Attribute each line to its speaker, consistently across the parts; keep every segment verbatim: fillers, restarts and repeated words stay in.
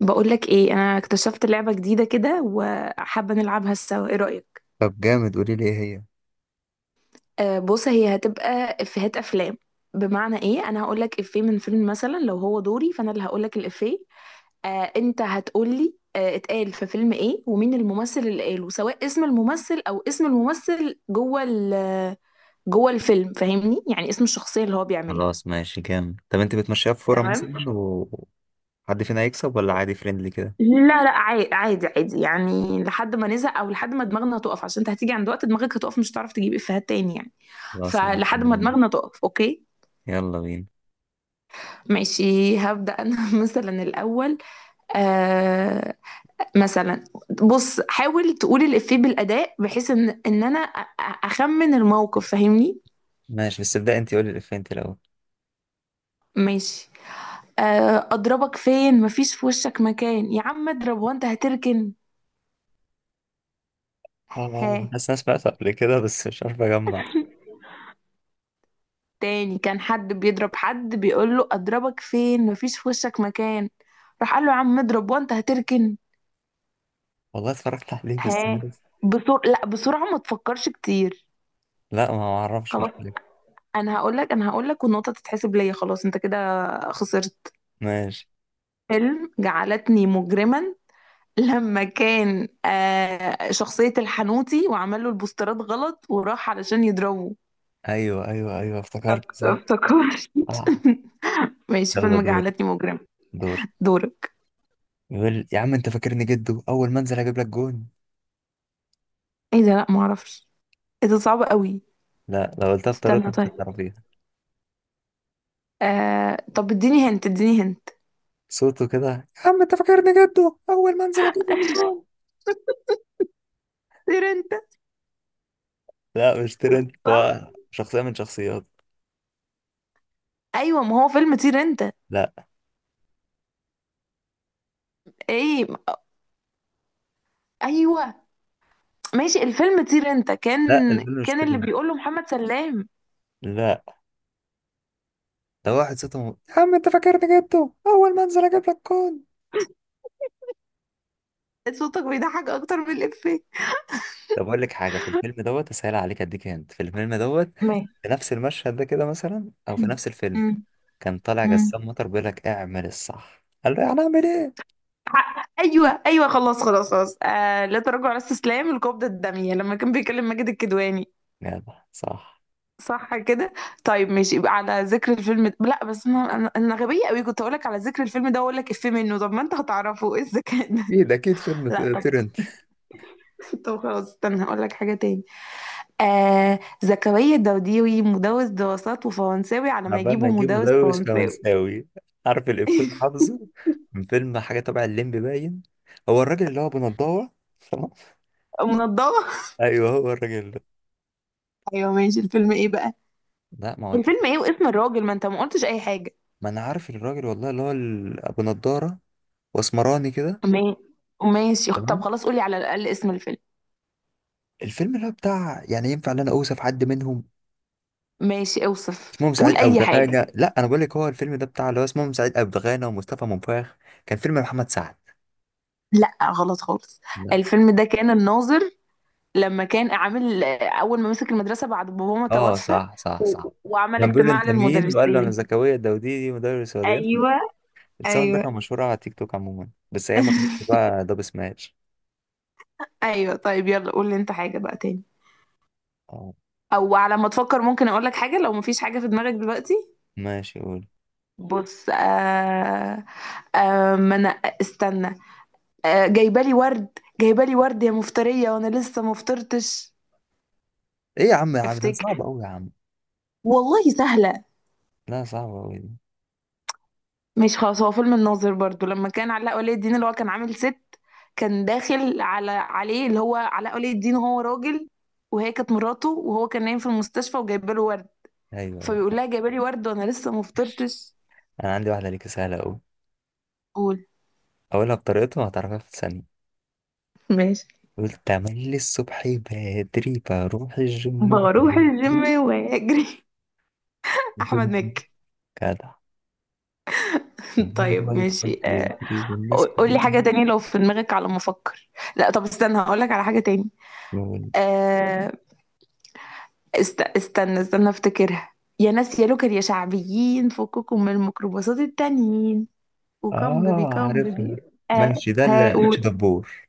Speaker 1: بقولك ايه؟ انا اكتشفت لعبة جديدة كده وحابة نلعبها سوا، ايه رأيك؟
Speaker 2: طب جامد، قولي لي ايه هي.
Speaker 1: آه بص، هي هتبقى افيهات افلام. بمعنى ايه؟ انا هقولك افيه من فيلم مثلا، لو هو دوري فانا اللي هقولك الافيه. آه انت هتقولي آه اتقال في فيلم ايه، ومين الممثل اللي قاله، سواء اسم الممثل او اسم الممثل جوه ال- جوه الفيلم، فاهمني؟ يعني اسم الشخصية اللي هو بيعملها.
Speaker 2: خلاص ماشي جامد. طب انت بتمشيها في فورة مثلا
Speaker 1: تمام.
Speaker 2: وحد فينا هيكسب ولا عادي فريندلي كده؟
Speaker 1: لا لا، عادي عادي عادي، يعني لحد ما نزهق او لحد ما دماغنا تقف، عشان انت هتيجي عند وقت دماغك هتقف مش هتعرف تجيب افيهات تاني يعني.
Speaker 2: خلاص ماشي،
Speaker 1: فلحد ما دماغنا تقف، اوكي؟
Speaker 2: يلا بينا.
Speaker 1: ماشي، هبدأ انا مثلا الاول. آه مثلا بص، حاول تقول الافيه بالاداء بحيث ان ان انا أ- أ- اخمن الموقف، فاهمني؟
Speaker 2: ماشي بس ابدأ انت، قولي الإفيه انت الأول.
Speaker 1: ماشي. آه اضربك فين؟ مفيش في وشك مكان. يا عم اضرب وانت هتركن. ها؟
Speaker 2: آه، حاسس إن انا سمعته قبل كده بس مش عارف اجمع.
Speaker 1: تاني، كان حد بيضرب حد بيقول له اضربك فين؟ مفيش في وشك مكان. راح قال له يا عم اضرب وانت هتركن.
Speaker 2: والله اتفرجت عليه بس
Speaker 1: ها؟
Speaker 2: ناسي.
Speaker 1: بسرعة، لا بسرعة ما تفكرش كتير.
Speaker 2: لا ما اعرفش، مش
Speaker 1: خلاص
Speaker 2: فاكر.
Speaker 1: انا هقول لك انا هقول لك والنقطة تتحسب ليا، خلاص انت كده خسرت.
Speaker 2: ماشي.
Speaker 1: فيلم جعلتني مجرما، لما كان آه شخصية الحنوتي وعمل له البوسترات غلط وراح علشان يضربه.
Speaker 2: ايوه ايوه ايوه، افتكرت صح.
Speaker 1: افتكرت
Speaker 2: آه.
Speaker 1: ماشي،
Speaker 2: يلا
Speaker 1: فيلم
Speaker 2: دور.
Speaker 1: جعلتني مجرما.
Speaker 2: دور.
Speaker 1: دورك.
Speaker 2: يقول يا عم انت فاكرني جدو، اول ما انزل هجيب لك جون.
Speaker 1: ايه ده؟ لا ما اعرفش. ايه ده صعب قوي.
Speaker 2: لا، لو قلتها في
Speaker 1: استنى
Speaker 2: طريقتك
Speaker 1: طيب.
Speaker 2: تعرفيها.
Speaker 1: آه... طب اديني هنت، اديني هنت.
Speaker 2: صوته كده، يا عم انت فاكرني جده اول ما انزل اجيب لك كام.
Speaker 1: طير انت.
Speaker 2: لا مش ترند،
Speaker 1: صح،
Speaker 2: هو شخصيه من شخصيات.
Speaker 1: ايوه ما هو فيلم طير انت.
Speaker 2: لا
Speaker 1: ايه؟ ايوه. ماشي، الفيلم طير انت، كان
Speaker 2: لا الفيلم مش
Speaker 1: كان اللي
Speaker 2: ترند.
Speaker 1: بيقوله محمد سلام.
Speaker 2: لا، ده واحد صوته م- يا عم انت فاكرني جده اول ما انزل اجيب لك كام.
Speaker 1: صوتك بيضحك اكتر من الافيه.
Speaker 2: طب اقول لك حاجه في الفيلم دوت اسهل عليك، اديك هنت في الفيلم دوت.
Speaker 1: ماشي
Speaker 2: في نفس المشهد ده كده مثلا، او في نفس الفيلم.
Speaker 1: أمم،
Speaker 2: كان طالع
Speaker 1: أمم.
Speaker 2: جسام مطر بيقول لك اعمل الصح، قال له يعني اعمل ايه.
Speaker 1: حق. ايوه ايوه خلاص خلاص خلاص، آه لا تراجع ولا استسلام، القبضه الداميه، لما كان بيكلم ماجد الكدواني.
Speaker 2: يلا صح.
Speaker 1: صح كده؟ طيب ماشي، يبقى على ذكر الفيلم ده. لا بس انا انا أنا غبيه قوي، كنت اقول لك على ذكر الفيلم ده واقول لك افيه منه، طب ما انت هتعرفه، ايه الذكاء ده؟
Speaker 2: اكيد اكيد فيلم ت-
Speaker 1: لا طب.
Speaker 2: ترند.
Speaker 1: طب خلاص استنى هقول لك حاجه تاني. آه زكريا الدوديوي، مدرس دراسات وفرنساوي على ما
Speaker 2: عبال ما
Speaker 1: يجيبوا
Speaker 2: نجيب
Speaker 1: مدرس
Speaker 2: مدوس
Speaker 1: فرنساوي.
Speaker 2: فرنساوي. عارف الإفيه اللي حافظه من فيلم حاجة تبع الليمبي باين؟ هو الراجل اللي هو بنضارة تمام.
Speaker 1: منضبه.
Speaker 2: أيوه هو الراجل ده.
Speaker 1: ايوه ماشي. الفيلم ايه بقى؟
Speaker 2: لا ما هو ده.
Speaker 1: الفيلم ايه واسم الراجل، ما انت ما قلتش اي حاجه.
Speaker 2: ما أنا عارف الراجل والله، اللي هو ال- أبو نضارة وأسمراني كده.
Speaker 1: ما- ماشي، طب
Speaker 2: تمام.
Speaker 1: خلاص قولي على الاقل اسم الفيلم.
Speaker 2: الفيلم اللي هو بتاع يعني، ينفع إن أنا أوصف حد منهم؟
Speaker 1: ماشي، اوصف،
Speaker 2: اسمهم
Speaker 1: قول
Speaker 2: سعيد أبو
Speaker 1: اي حاجه.
Speaker 2: دغانة. لا أنا بقول لك، هو الفيلم ده بتاع اللي هو اسمهم سعيد أبو دغانة ومصطفى منفاخ. كان فيلم محمد سعد.
Speaker 1: لا غلط خالص.
Speaker 2: لا.
Speaker 1: الفيلم ده كان الناظر، لما كان عامل اول ما مسك المدرسه بعد بابا ما
Speaker 2: اه
Speaker 1: توفى
Speaker 2: صح صح صح.
Speaker 1: و... وعمل
Speaker 2: كان بيقول
Speaker 1: اجتماع
Speaker 2: انت مين، وقال له انا
Speaker 1: للمدرسين.
Speaker 2: زكريا الدوديدي مدرس رياضيات.
Speaker 1: ايوه
Speaker 2: الساوند ده
Speaker 1: ايوه
Speaker 2: كان مشهور على تيك توك عموما، بس ايام ما كان اسمه بقى دب سماش.
Speaker 1: ايوه طيب يلا، قول لي انت حاجه بقى تاني.
Speaker 2: اه.
Speaker 1: او على ما تفكر ممكن اقول لك حاجه لو مفيش حاجه في دماغك دلوقتي.
Speaker 2: ماشي قول.
Speaker 1: بص آه. آه ما انا، استنى. آه جايبه لي ورد. جايبه لي ورد يا مفتريه وانا لسه ما فطرتش.
Speaker 2: ايه يا عم، يا عم ده صعب
Speaker 1: افتكر.
Speaker 2: قوي يا عم.
Speaker 1: والله سهله.
Speaker 2: لا صعب قوي دي.
Speaker 1: ماشي خلاص، هو فيلم الناظر برضو، لما كان علاء ولي الدين اللي هو كان عامل ست، كان داخل على عليه اللي هو علاء ولي الدين هو راجل، وهي كانت مراته وهو كان نايم في المستشفى وجايبه له ورد،
Speaker 2: ايوه أيوة.
Speaker 1: فبيقول لها جايبه لي ورد وانا لسه ما فطرتش.
Speaker 2: انا عندي واحده ليك سهله قوي.
Speaker 1: قول.
Speaker 2: اقولها بطريقته، هتعرفها في ثانيه.
Speaker 1: ماشي.
Speaker 2: قلت تملي الصبح بدري بروح الجيم
Speaker 1: بروح
Speaker 2: بدري.
Speaker 1: الجيم واجري احمد مكي.
Speaker 2: جدع. المال هو
Speaker 1: طيب
Speaker 2: يدخل
Speaker 1: ماشي
Speaker 2: في
Speaker 1: آه،
Speaker 2: يجري والناس
Speaker 1: قول
Speaker 2: كلها
Speaker 1: لي حاجه تانية لو في دماغك، على ما افكر. لا طب استنى هقول لك على حاجه تاني.
Speaker 2: تقول.
Speaker 1: آه، است... استنى استنى افتكرها. يا ناس يا لوكر يا شعبيين، فككم من الميكروباصات التانيين، وكم بيبي
Speaker 2: اه
Speaker 1: كم
Speaker 2: عارفها.
Speaker 1: بيبي. آه
Speaker 2: ماشي، ده
Speaker 1: ها
Speaker 2: اللي اتش
Speaker 1: قول.
Speaker 2: دبور.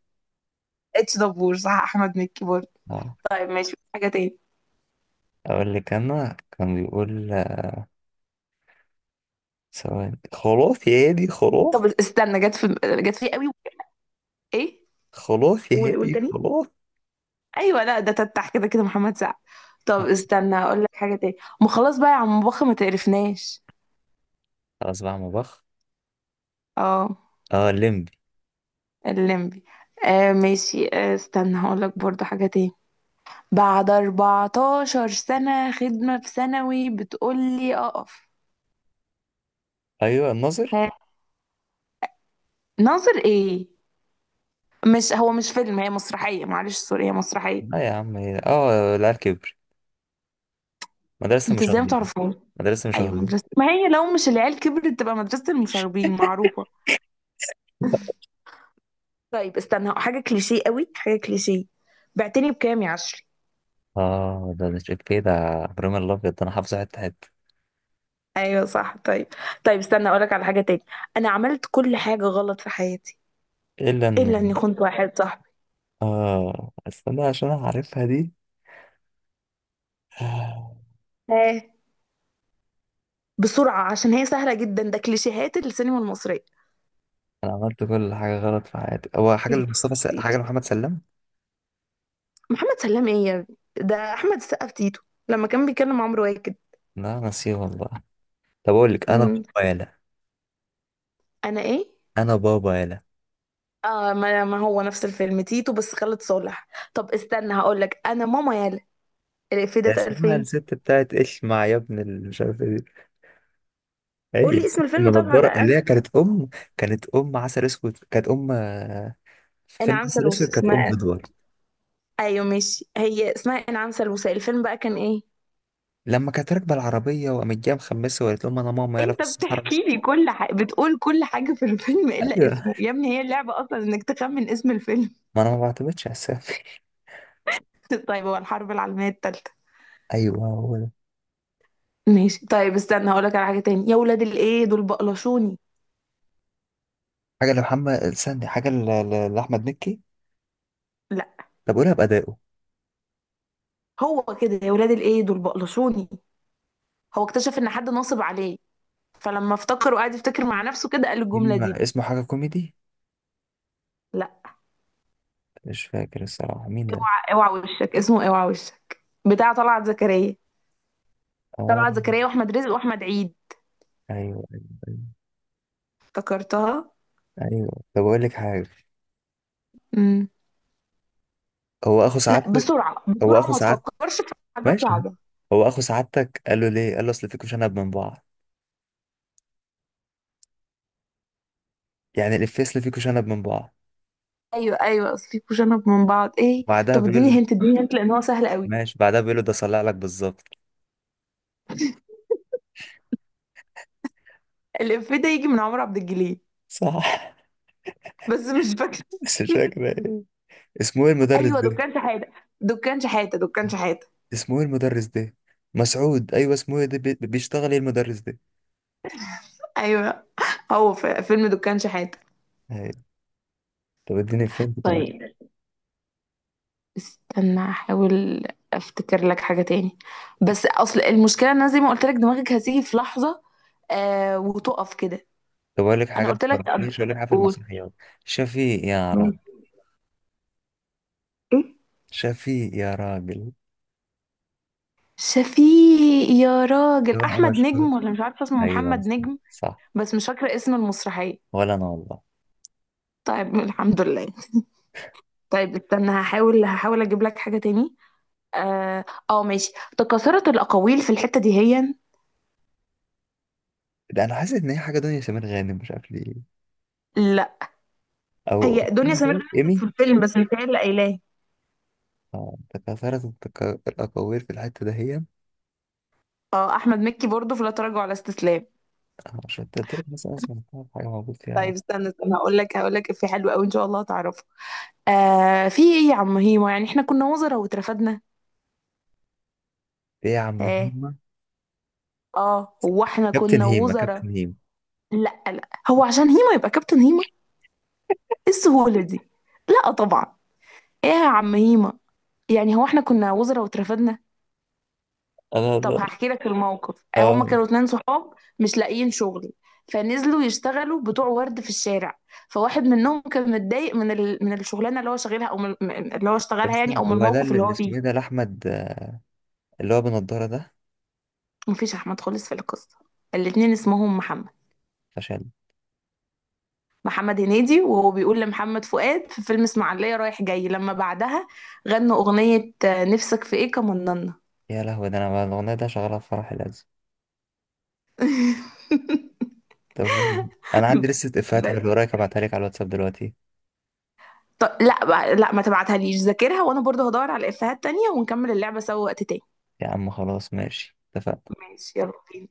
Speaker 1: اتش دبور، صح، احمد مكي برضه.
Speaker 2: اه
Speaker 1: طيب ماشي حاجه تاني.
Speaker 2: اقول لك، انا كان بيقول ثواني خلاص يا هادي خلاص.
Speaker 1: طب استنى، جت في جت في قوي. ايه؟
Speaker 2: خلاص يا
Speaker 1: قول قول
Speaker 2: هادي
Speaker 1: تاني.
Speaker 2: خلاص.
Speaker 1: ايوه، لا ده تتح كده، كده محمد سعد. طب استنى اقول لك حاجه تاني. ما خلاص بقى يا عم بخ، ما تقرفناش.
Speaker 2: خلاص بقى مبخ.
Speaker 1: اه
Speaker 2: اه الليمبي.
Speaker 1: الليمبي. آه ماشي، آه استنى هقول لك برضه حاجه تاني. بعد اربعتاشر سنة خدمة في ثانوي بتقولي أقف.
Speaker 2: ايوه الناظر.
Speaker 1: ها؟ ناظر إيه؟ مش هو مش فيلم، هي مسرحية، معلش سوري، هي مسرحية.
Speaker 2: لا يا عم، هي اه العيال كبر. مدرسة
Speaker 1: أنت إزاي
Speaker 2: المشاغبين.
Speaker 1: متعرفهاش؟
Speaker 2: مدرسة
Speaker 1: أيوة
Speaker 2: المشاغبين.
Speaker 1: مدرسة، ما هي لو مش العيال كبرت تبقى مدرسة المشاغبين معروفة. طيب استنى، حاجة كليشيه قوي، حاجة كليشيه. بعتني بكام يا عشري؟
Speaker 2: اه ده ده شكلي ده. ابراهيم الابيض، ده انا حافظه حته حته.
Speaker 1: أيوة صح. طيب طيب استنى أقولك على حاجة تاني. أنا عملت كل حاجة غلط في حياتي
Speaker 2: الا
Speaker 1: إلا إني
Speaker 2: ان.
Speaker 1: خنت واحد صاحبي.
Speaker 2: اه استنى عشان أنا عارفها دي. آه،
Speaker 1: ها؟ بسرعة عشان هي سهلة جدا، ده كليشيهات السينما المصرية.
Speaker 2: انا عملت كل حاجه غلط في حياتي. هو حاجه
Speaker 1: تيتو
Speaker 2: لمصطفى س... حاجه
Speaker 1: تيتو.
Speaker 2: لمحمد سلام.
Speaker 1: محمد سلام ايه يا ابني؟ ده احمد السقا في تيتو لما كان بيكلم عمرو واكد.
Speaker 2: لا نسيه والله. طب اقول لك انا،
Speaker 1: أمم،
Speaker 2: بابا يالا.
Speaker 1: انا ايه؟
Speaker 2: انا بابا يالا.
Speaker 1: اه ما, ما هو نفس الفيلم تيتو بس خالد صالح. طب استنى هقول لك انا ماما يالا، الإفيه ده اتقال
Speaker 2: اسمها
Speaker 1: فين؟
Speaker 2: الست بتاعت ايش مع يا ابن ال- مش عارف ايه دي. هي
Speaker 1: قول لي
Speaker 2: الست
Speaker 1: اسم الفيلم طبعا على
Speaker 2: المنضرة اللي
Speaker 1: الاقل.
Speaker 2: هي كانت ام. كانت ام عسل اسود، كانت ام آه، في فيلم
Speaker 1: انعام
Speaker 2: عسل اسود
Speaker 1: سالوسة
Speaker 2: كانت ام
Speaker 1: اسمها.
Speaker 2: ادوار.
Speaker 1: ايوه ماشي، هي اسمها انعام سالوسة، الفيلم بقى كان ايه؟
Speaker 2: لما كانت راكبه العربيه وقامت جايه مخمسه وقالت لهم انا ماما يلا في
Speaker 1: انت
Speaker 2: الصحراء.
Speaker 1: بتحكي لي كل حاجه، بتقول كل حاجه في الفيلم الا
Speaker 2: ايوه،
Speaker 1: اسمه، يا ابني هي اللعبه اصلا انك تخمن اسم الفيلم.
Speaker 2: ما انا ما بعتمدش على السامي.
Speaker 1: طيب هو الحرب العالميه الثالثه.
Speaker 2: ايوه هو ده.
Speaker 1: ماشي طيب استنى هقولك على حاجة تاني. يا ولاد الايه دول بقلشوني.
Speaker 2: حاجه لمحمد، استني حاجه ل- ل- لاحمد مكي.
Speaker 1: لا،
Speaker 2: طب قولها بادائه.
Speaker 1: هو كده يا ولاد الايه دول بقلشوني، هو اكتشف ان حد ناصب عليه، فلما افتكر وقعد يفتكر مع نفسه كده قال الجملة
Speaker 2: فيلم
Speaker 1: دي.
Speaker 2: اسمه حاجه كوميدي.
Speaker 1: لا
Speaker 2: مش فاكر الصراحه مين ده.
Speaker 1: اوعى اوعى وشك، اسمه اوعى وشك، بتاع طلعت زكريا.
Speaker 2: اه.
Speaker 1: طلعت زكريا واحمد رزق واحمد عيد.
Speaker 2: ايوه ايوه ايوه
Speaker 1: افتكرتها.
Speaker 2: أيوة. طب اقول لك حاجه.
Speaker 1: امم.
Speaker 2: هو اخو
Speaker 1: لا
Speaker 2: سعادتك.
Speaker 1: بسرعة
Speaker 2: هو
Speaker 1: بسرعة
Speaker 2: اخو
Speaker 1: ما
Speaker 2: سعادتك.
Speaker 1: تفكرش في حاجات
Speaker 2: ماشي.
Speaker 1: صعبة.
Speaker 2: هو اخو سعادتك، قال له ليه، قال له اصل فيكوا شنب من بعض. يعني الافيه اصل فيكوا شنب من بعض.
Speaker 1: ايوه ايوه اصل في كوشنة من بعض ايه.
Speaker 2: بعدها
Speaker 1: طب
Speaker 2: بيقول
Speaker 1: اديني
Speaker 2: له.
Speaker 1: هنت اديني هنت لان هو سهل قوي.
Speaker 2: ماشي، بعدها بيقول له ده صلع لك بالظبط.
Speaker 1: الإفيه ده يجي من عمرو عبد الجليل
Speaker 2: صح.
Speaker 1: بس مش فاكرة.
Speaker 2: بس مش فاكر ايه. اسمه ايه المدرس
Speaker 1: ايوه
Speaker 2: ده.
Speaker 1: دكان شحاته، دكان شحاته، دكان شحاته.
Speaker 2: اسمه ايه المدرس ده. مسعود، ايوه اسمه ايه ده بي- بيشتغل ايه المدرس ده.
Speaker 1: ايوه هو في فيلم دكان شحاته.
Speaker 2: أيوة. طب اديني فين كمان.
Speaker 1: طيب استنى احاول افتكر لك حاجه تاني، بس اصل المشكله ان انا زي ما قلت لك دماغك هتيجي في لحظه آه وتقف كده.
Speaker 2: طب اقول لك
Speaker 1: انا
Speaker 2: حاجه
Speaker 1: قلت لك
Speaker 2: في-
Speaker 1: قبل-
Speaker 2: ماشي اقول لك حاجه في
Speaker 1: قول.
Speaker 2: المسرحيات. شفيق يا
Speaker 1: مين؟
Speaker 2: راجل.
Speaker 1: ايه؟
Speaker 2: شفيق يا راجل.
Speaker 1: شفيق يا راجل،
Speaker 2: هو انا
Speaker 1: احمد
Speaker 2: مشهور؟
Speaker 1: نجم، ولا مش عارفه اسمه
Speaker 2: ايوه
Speaker 1: محمد
Speaker 2: صح
Speaker 1: نجم.
Speaker 2: صح.
Speaker 1: بس مش فاكره اسم المسرحيه.
Speaker 2: ولا انا والله.
Speaker 1: طيب الحمد لله. طيب استنى، هحاول هحاول اجيب لك حاجه تاني. اه. آه، ماشي. تكاثرت الاقاويل في الحته دي هي.
Speaker 2: ده انا حاسس ان هي حاجه دنيا سمير غانم، مش عارف ليه.
Speaker 1: لا،
Speaker 2: او
Speaker 1: هي دنيا سمير غانم
Speaker 2: ايمي.
Speaker 1: كانت في الفيلم بس مش هي اللي قايلاه.
Speaker 2: آه، تكاثرت التكا- الاكاوير في الحته دهيا.
Speaker 1: اه احمد مكي برضه في لا تراجع ولا استسلام.
Speaker 2: آه، عشان تترك مثلا اسمها حاجه موجود
Speaker 1: طيب
Speaker 2: فيها.
Speaker 1: استنى استنى هقول لك هقول لك في حلو قوي ان شاء الله هتعرفه. آه في ايه يا عم هيما، يعني احنا كنا وزراء واترفدنا.
Speaker 2: ايه يا عم
Speaker 1: ها؟
Speaker 2: هيما.
Speaker 1: اه هو احنا
Speaker 2: كابتن
Speaker 1: كنا
Speaker 2: هيما.
Speaker 1: وزراء.
Speaker 2: كابتن هيما.
Speaker 1: لا لا، هو عشان هيما يبقى كابتن هيما؟ ايه السهوله دي. لا طبعا. ايه يا عم هيما، يعني هو احنا كنا وزراء واترفدنا.
Speaker 2: انا
Speaker 1: طب
Speaker 2: أنا-
Speaker 1: هحكي لك الموقف. آه، هما
Speaker 2: اه.
Speaker 1: كانوا اتنين صحاب مش لاقيين شغل، فنزلوا يشتغلوا بتوع ورد في الشارع، فواحد منهم كان متضايق من ال... من الشغلانه اللي هو شغالها او من من- اللي هو
Speaker 2: طب
Speaker 1: اشتغلها يعني، او
Speaker 2: استنى،
Speaker 1: من
Speaker 2: هو ده
Speaker 1: الموقف
Speaker 2: اللي
Speaker 1: اللي
Speaker 2: اللي
Speaker 1: هو
Speaker 2: اسمه
Speaker 1: فيه.
Speaker 2: ايه ده، لاحمد آه، اللي هو بنضاره ده.
Speaker 1: مفيش احمد خالص في القصه، الاتنين اسمهم محمد.
Speaker 2: فشل.
Speaker 1: محمد هنيدي، وهو بيقول لمحمد فؤاد في فيلم اسماعيليه رايح جاي لما بعدها غنوا اغنيه آه، نفسك في ايه كمننا.
Speaker 2: يا لهوي، ده انا بقى الاغنيه ده شغاله في فرح العز. طب جميل. انا عندي لسه افيهات حلوه وراك، ابعتها لك على الواتساب دلوقتي.
Speaker 1: طب لا بقى- لا ما تبعتها، ليش ذاكرها وانا برضه هدور على افيهات تانية ونكمل اللعبه سوا وقت تاني.
Speaker 2: يا عم خلاص ماشي، اتفقنا.
Speaker 1: ماشي يلا بينا.